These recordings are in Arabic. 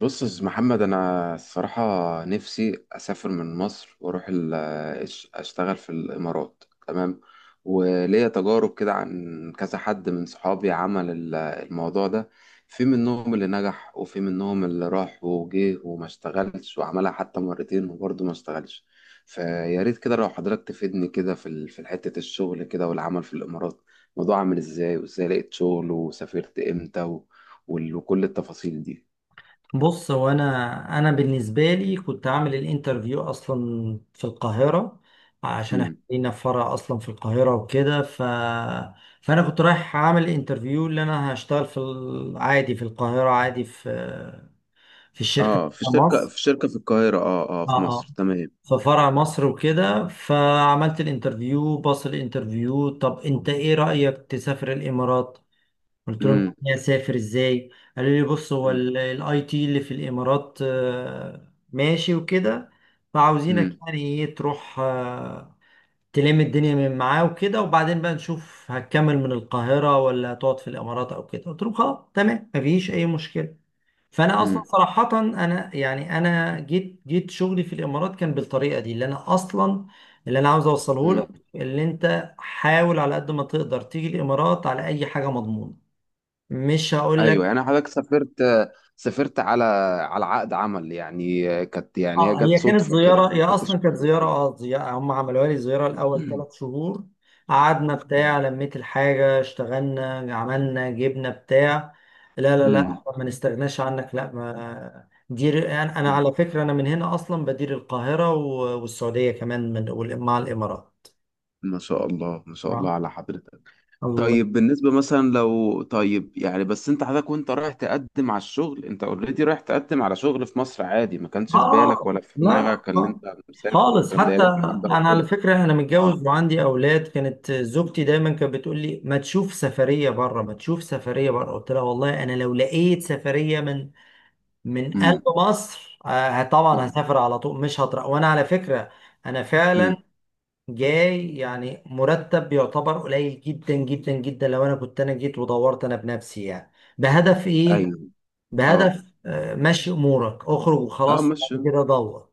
بص يا أستاذ محمد، انا الصراحه نفسي اسافر من مصر واروح اشتغل في الامارات. تمام. وليا تجارب كده عن كذا حد من صحابي عمل الموضوع ده. في منهم اللي نجح وفي منهم اللي راح وجه وما اشتغلش، وعملها حتى مرتين وبرضه ما اشتغلش. فيا ريت كده لو حضرتك تفيدني كده في في حته الشغل كده والعمل في الامارات، الموضوع عامل ازاي، وازاي لقيت شغل، وسافرت امتى، وكل التفاصيل دي. بص، هو انا بالنسبه لي كنت عامل الانترفيو اصلا في القاهره، عشان احنا امم. لينا فرع اصلا في القاهره وكده. فانا كنت رايح عامل انترفيو اللي انا هشتغل عادي في القاهره، عادي في الشركه اه، في بتاع شركة مصر. في شركة في القاهرة، اه اه، اه في اه مصر. تمام. في فرع مصر وكده، فعملت الانترفيو، باص الانترفيو: طب انت ايه رايك تسافر الامارات؟ قلت لهم امم. يعني اسافر ازاي؟ قالوا لي بص، هو الاي تي اللي في الامارات ماشي وكده، فعاوزينك امم. يعني ايه تروح تلم الدنيا من معاه وكده، وبعدين بقى نشوف هتكمل من القاهرة ولا هتقعد في الامارات او كده. قلت لهم خلاص، تمام، مفيش اي مشكلة. فانا اصلا امم. صراحة، انا يعني انا جيت شغلي في الامارات كان بالطريقة دي اللي انا اصلا، اللي انا عاوز اوصله لك، امم. اللي انت حاول على قد ما تقدر تيجي الامارات على اي حاجة مضمونة، مش هقول ايوه، لك. يعني حضرتك سافرت، سافرت على، على عقد عمل، يعني كانت، يعني هي اه جت هي كانت صدفة كده، زياره، ما هي اصلا كنتش كانت عارف زياره، كده. زياره هم عملوها لي، زياره الاول ثلاث شهور قعدنا اه. بتاع لميت الحاجه، اشتغلنا، عملنا، جبنا بتاع. لا لا لا، امم. إحنا ما نستغناش عنك، لا، ما دير، أنا أمم. على فكره انا من هنا اصلا بدير القاهره والسعوديه كمان، مع الامارات. ما شاء الله، ما شاء الله اه. على حضرتك. الله. طيب بالنسبة مثلا لو، طيب يعني بس انت حضرتك وانت رايح تقدم على الشغل، انت اوريدي رايح تقدم على شغل في مصر عادي، ما كانش في بالك اه. ولا في لا. دماغك اللي آه، انت مسافر خالص والكلام ده، هي حتى. جت من عند انا على ربنا. فكره انا اه. متجوز وعندي اولاد، كانت زوجتي دايما كانت بتقول لي ما تشوف سفريه بره، ما تشوف سفريه بره. قلت لها والله انا لو لقيت سفريه من قلب امم. مصر، آه طبعا امم. هسافر على طول مش هطرق. وانا على فكره انا فعلا أمم. جاي يعني مرتب يعتبر قليل جدا جدا جدا، لو انا كنت انا جيت ودورت انا بنفسي يعني بهدف ايه؟ ايوه. اه بهدف مشي امورك، اخرج اه، وخلاص، ماشي. بعد كده دور.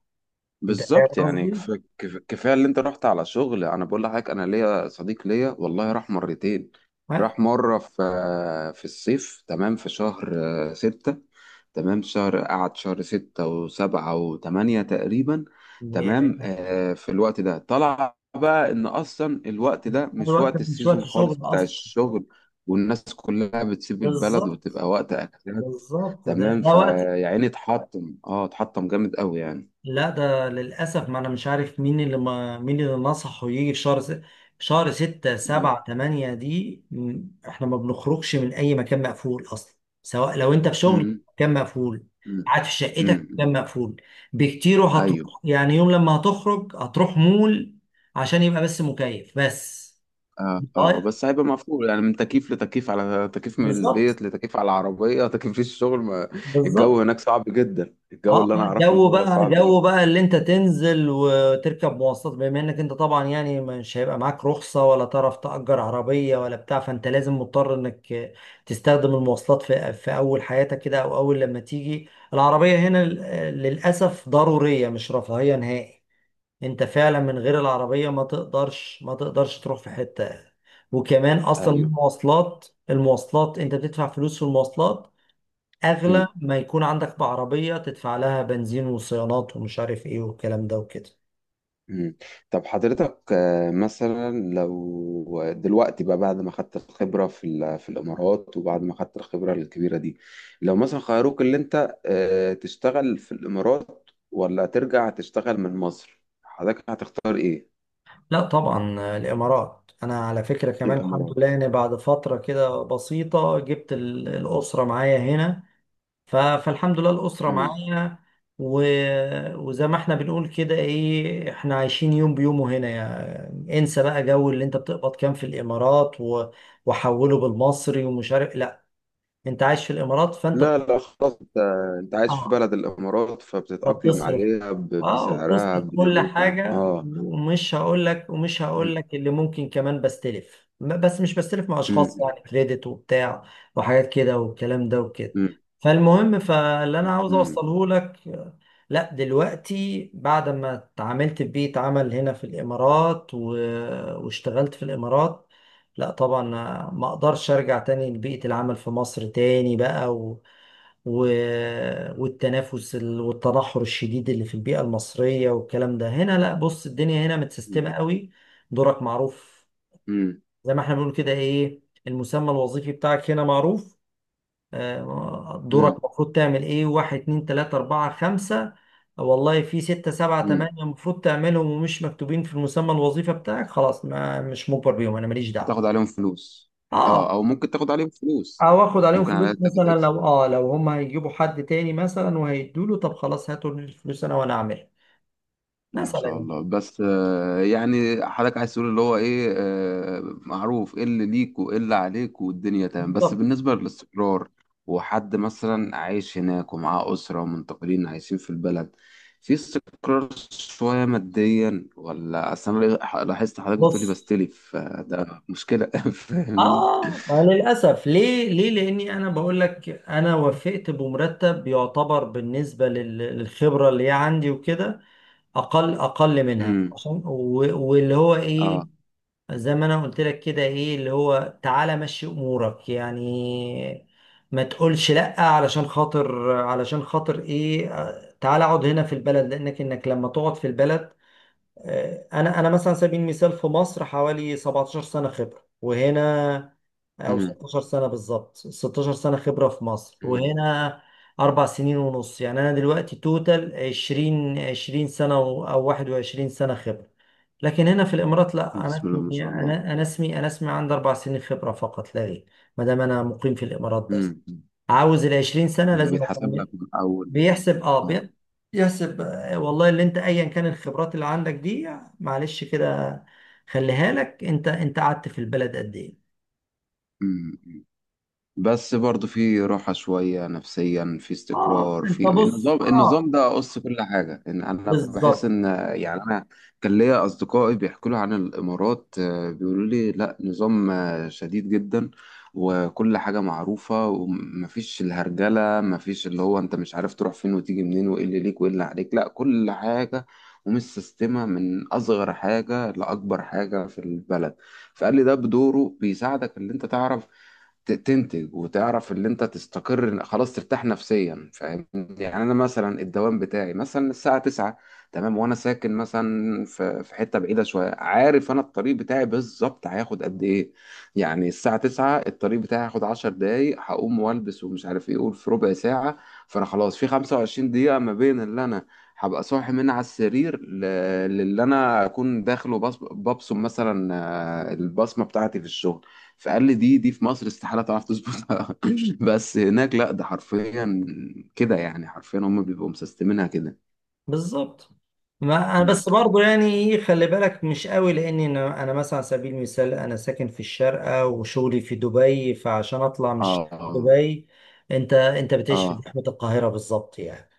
انت فاهم بالظبط يعني قصدي؟ كفايه اللي انت رحت على شغل. انا بقول لحضرتك انا ليا صديق ليا والله راح مرتين. ها؟ راح مره في، في الصيف. تمام. في شهر، ستة. تمام شهر، قعد شهر ستة وسبعة وتمانية تقريبا. تمام. يعني آه، في الوقت ده طلع بقى ان اصلا الوقت ده مش الوقت وقت مش وقت السيزون شغل خالص بتاع اصلا. الشغل، والناس كلها بتسيب البلد بالظبط، وبتبقى وقت اجازات. بالظبط. تمام. ده وقت، فيعني اتحطم جامد قوي يعني. لا، ده للاسف. ما انا مش عارف مين اللي ما مين اللي نصحه يجي في شهر 6 7 8 دي احنا ما بنخرجش من اي مكان مقفول اصلا، سواء لو انت في شغل امم. مكان مقفول، امم. قاعد في شقتك امم. مكان مقفول بكتير. هتروح ايوه. يعني يوم لما هتخرج هتروح مول عشان يبقى بس مكيف بس. اه اه، طيب، بس هيبقى مفهوم، يعني من تكييف لتكييف، على تكييف، من بالظبط، البيت لتكييف على العربيه، تكييف في الشغل. ما بالظبط. الجو هناك صعب جدا، الجو اه اللي انا اعرفه ان هو صعب جدا. جو بقى اللي انت تنزل وتركب مواصلات، بما انك انت طبعا يعني مش هيبقى معاك رخصة ولا تعرف تأجر عربية ولا بتاع، فانت لازم مضطر انك تستخدم المواصلات في اول حياتك كده او اول لما تيجي. العربية هنا للأسف ضرورية، مش رفاهية نهائي. انت فعلا من غير العربية ما تقدرش تروح في حتة. وكمان اصلا ايوه. المواصلات انت بتدفع فلوس في المواصلات امم. اغلى ما يكون. عندك بعربية تدفع لها بنزين وصيانات ومش عارف ايه والكلام ده وكده. امم. طب حضرتك مثلا لو دلوقتي بقى، بعد ما خدت الخبره في في الامارات، وبعد ما خدت الخبره الكبيره دي، لو مثلا خيروك اللي انت تشتغل في الامارات، ولا ترجع تشتغل من مصر، حضرتك هتختار ايه؟ لا طبعا، الامارات. انا على فكرة كمان الإمارات. الحمد لله، يعني بعد فترة كده بسيطة جبت الاسرة معايا هنا، فالحمد لله الاسرة مم. معايا و... وزي ما احنا بنقول كده ايه، احنا عايشين يوم بيومه هنا. يعني انسى بقى جو اللي انت بتقبض كام في الامارات وحوله بالمصري ومش عارف. لا، انت عايش في الامارات، فانت لا بت- لا، خلاص انت، انت عايش في اه بلد الإمارات فبتتأقلم فبتصرف. عليها اه بسعرها وبتذكر كل بدنيتها. حاجة، اه. ومش هقول مم. لك اللي ممكن كمان بستلف، بس مش بستلف مع اشخاص، مم. يعني كريدت وبتاع وحاجات كده والكلام ده وكده. مم. فالمهم، فاللي انا عاوز مم. اوصله لك، لا، دلوقتي بعد ما اتعاملت في بيئة عمل هنا في الامارات واشتغلت في الامارات، لا طبعا ما اقدرش ارجع تاني لبيئة العمل في مصر تاني بقى، و... والتنافس والتدحر الشديد اللي في البيئة المصرية والكلام ده. هنا، لا، بص، الدنيا هنا مم. متسيستمة قوي، دورك معروف، مم. زي ما احنا بنقول كده ايه، المسمى الوظيفي بتاعك هنا معروف. دورك مم. المفروض تعمل ايه؟ واحد، اتنين، تلاتة، اربعة، خمسة، والله في ستة، سبعة، مم. تمانية المفروض تعملهم ومش مكتوبين في المسمى الوظيفي بتاعك. خلاص، ما مش مجبر بيهم، انا ماليش دعوة. هتاخد عليهم فلوس. اه. اه او ممكن تاخد عليهم فلوس. او اخد عليهم ممكن عليها فلوس، تاخد. مثلا لو لو هم هيجيبوا حد تاني مثلا وهيدوا له، طب خلاص، هاتوا الفلوس انا وانا اعملها. ما مثلا شاء يعني، الله. بس يعني حضرتك عايز تقول اللي هو ايه، معروف ايه اللي ليك وايه اللي عليك، والدنيا تمام. بس بالظبط. بالنسبة للاستقرار، وحد مثلا عايش هناك ومعاه أسرة ومنتقلين عايشين في البلد، في استقرار شوية ماديا؟ ولا أصل أنا لاحظت حضرتك بتقولي بص، بستلف، فده مشكلة. فاهمني؟ اه ما للاسف، ليه، ليه لاني انا بقول لك انا وافقت بمرتب يعتبر بالنسبه للخبره اللي هي عندي وكده، اقل منها امم. عشان واللي هو ايه. اه. زي ما انا قلت لك كده ايه، اللي هو تعالى مشي امورك يعني، ما تقولش لا. علشان خاطر ايه، تعالى اقعد هنا في البلد، لانك انك لما تقعد في البلد، انا مثلا على سبيل المثال في مصر حوالي 17 سنه خبره، وهنا، او امم. 16 سنه، بالظبط 16 سنه خبره في مصر، امم. وهنا 4 سنين ونص. يعني انا دلوقتي توتال 20 سنه، او 21 سنه خبره. لكن هنا في الامارات، لا، انا بسم الله ما اسمي، شاء الله. انا انا اسمي انا اسمي عندي 4 سنين خبره فقط لا غير. ما دام انا مقيم في الامارات امم. بس، عاوز ال 20 سنه أمم. لازم بيتحسب لك أكمل. من أول. بيحسب اه بي- بيحسب والله اللي انت ايا كان الخبرات اللي عندك دي، معلش كده، خليها لك. انت قعدت في البلد قد ايه؟ اه، بس برضو في راحة شوية نفسيا، في اه استقرار، في انت بص، النظام، النظام ده قص كل حاجة. إن أنا بحس بالظبط، إن، يعني أنا كان ليا أصدقائي بيحكوا لي عن الإمارات، بيقولوا لي لا، نظام شديد جدا، وكل حاجة معروفة، ومفيش الهرجلة، مفيش اللي هو أنت مش عارف تروح فين وتيجي منين، وإيه اللي ليك وإيه اللي عليك، لا كل حاجة ومتسيستمة من أصغر حاجة لأكبر حاجة في البلد. فقال لي ده بدوره بيساعدك ان انت تعرف تنتج، وتعرف اللي انت تستقر خلاص، ترتاح نفسيا. فاهم يعني؟ انا مثلا الدوام بتاعي مثلا الساعة 9. تمام. وانا ساكن مثلا في حتة بعيدة شوية. عارف انا الطريق بتاعي بالظبط هياخد قد ايه، يعني الساعة 9 الطريق بتاعي هياخد 10 دقايق، هقوم والبس ومش عارف ايه، اقول في ربع ساعة. فانا خلاص في 25 دقيقة ما بين اللي انا هبقى صاحي من على السرير للي انا اكون داخل ببصم مثلا، البصمة بتاعتي في الشغل. فقال لي دي في مصر استحالة تعرف تظبطها. بس هناك لا، ده حرفيا كده، يعني حرفيا هم بيبقوا مسستمينها كده. بالظبط. ما انا مم. بس برضو يعني ايه، خلي بالك مش قوي، لاني انا مثلا على سبيل المثال انا ساكن في الشارقة وشغلي في دبي، فعشان اطلع مش اه دبي. انت بتعيش في اه، زحمة القاهرة بالظبط يعني.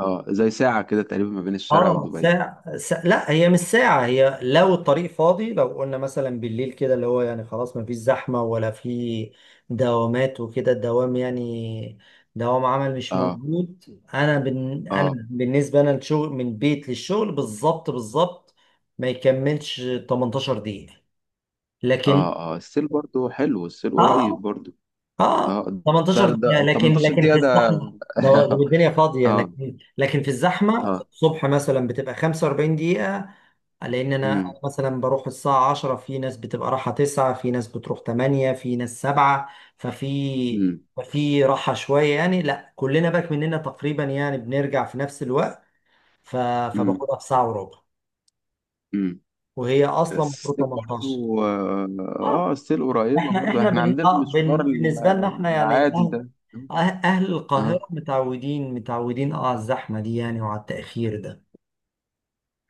اه زي ساعة كده تقريبا ما بين الشارقة ودبي. لا، هي مش ساعة. هي لو الطريق فاضي، لو قلنا مثلا بالليل كده اللي هو يعني خلاص ما فيش زحمة ولا في دوامات وكده، الدوام يعني دوام عمل مش اه. موجود، انا انا اه. بالنسبة انا الشغل من بيت للشغل، بالظبط بالظبط ما يكملش 18 دقيقة. لكن، اه اه السيل برضو حلو، السيل قريب اه برضو. اه اه. ده 18 دقيقة، ده لكن 18 دقيقة في ده. الزحمة والدنيا فاضية، اه. لكن في الزحمة اه. الصبح مثلا بتبقى 45 دقيقة، لان أنا امم. مثلا بروح الساعه 10، في ناس بتبقى رايحه 9، في ناس بتروح 8، في ناس 7. ففي امم. ففي راحه شويه يعني، لا كلنا باك مننا تقريبا يعني بنرجع في نفس الوقت، ف... امم. فباخدها في ساعه وربع، امم. وهي اصلا المفروض السيل 18. برضو، اه اه السيل قريبة برضو، احنا، احنا عندنا المشوار بالنسبه لنا احنا يعني العادي اهل، ده. أهل القاهره اه. متعودين على الزحمه دي يعني، وعلى التاخير ده.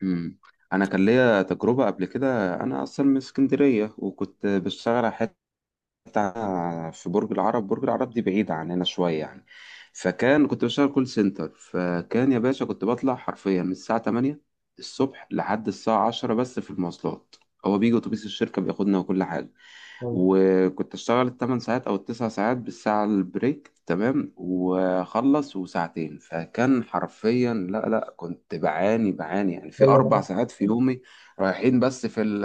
امم. انا كان ليا تجربه قبل كده، انا اصلا من اسكندريه، وكنت بشتغل على، بتاع، في برج العرب. برج العرب دي بعيدة عننا شوية يعني. فكان، كنت بشتغل كول سنتر. فكان يا باشا كنت بطلع حرفيا من الساعة 8 الصبح لحد الساعة 10 بس في المواصلات. هو بيجي أتوبيس الشركة بياخدنا وكل حاجة. يلا، وكنت أشتغل التمن ساعات أو التسع ساعات بالساعة البريك، تمام، وأخلص وساعتين. فكان حرفيا، لا لا، كنت بعاني يعني في أربع يلا ساعات في يومي، رايحين بس في ال،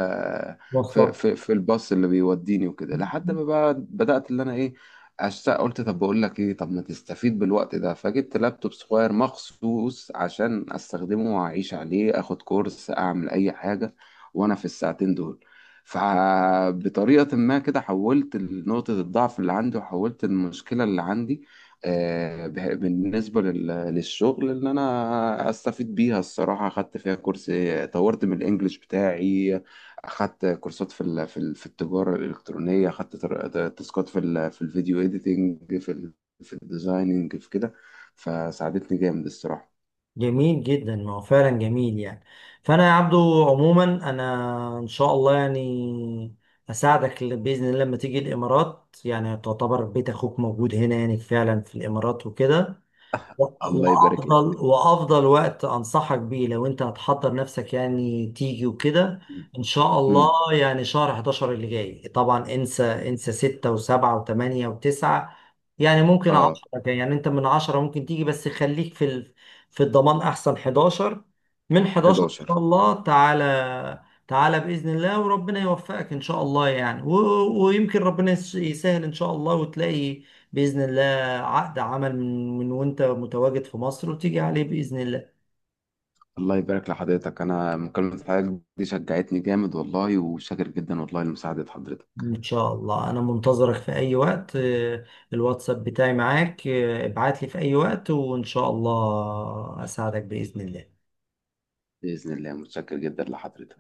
في مواصلات. الباص اللي بيوديني وكده. لحد ما بقى بدأت اللي انا ايه، اشتاق، قلت طب بقول لك ايه، طب ما تستفيد بالوقت ده. فجبت لابتوب صغير مخصوص عشان استخدمه واعيش عليه، اخد كورس، اعمل اي حاجة وانا في الساعتين دول. فبطريقة ما كده حولت نقطة الضعف اللي عندي، وحولت المشكلة اللي عندي، بالنسبة للشغل اللي أنا أستفيد بيها. الصراحة خدت فيها كورس، طورت من الإنجليش بتاعي، اخدت كورسات في في التجاره الالكترونيه، اخدت تاسكات في في الفيديو اديتنج، في في الديزايننج، في كده. فساعدتني جامد الصراحه. جميل جدا، ما هو فعلا جميل يعني. فانا يا عبدو، عموما انا ان شاء الله يعني اساعدك، باذن الله لما تيجي الامارات، يعني تعتبر بيت اخوك موجود هنا يعني فعلا في الامارات وكده. الله يبارك لك. وافضل وقت انصحك بيه لو انت هتحضر نفسك يعني تيجي وكده ان شاء امم. الله، يعني شهر 11 اللي جاي. طبعا انسى، انسى 6 و7 و8 و9، يعني ممكن اه. 10. يعني انت من 10 ممكن تيجي، بس خليك في الضمان، احسن 11، من 11 ان 11. شاء الله تعالى. تعالى باذن الله، وربنا يوفقك ان شاء الله يعني، ويمكن ربنا يسهل ان شاء الله وتلاقي باذن الله عقد عمل من وانت متواجد في مصر وتيجي عليه بإذن الله. الله يبارك لحضرتك. انا مكالمه حضرتك دي شجعتني جامد والله، وشاكر جدا والله لمساعده حضرتك. ان شاء الله انا منتظرك في اي وقت. الواتساب بتاعي معاك، ابعت لي في اي وقت، وان شاء الله اساعدك بإذن الله. باذن الله، متشكر جدا لحضرتك.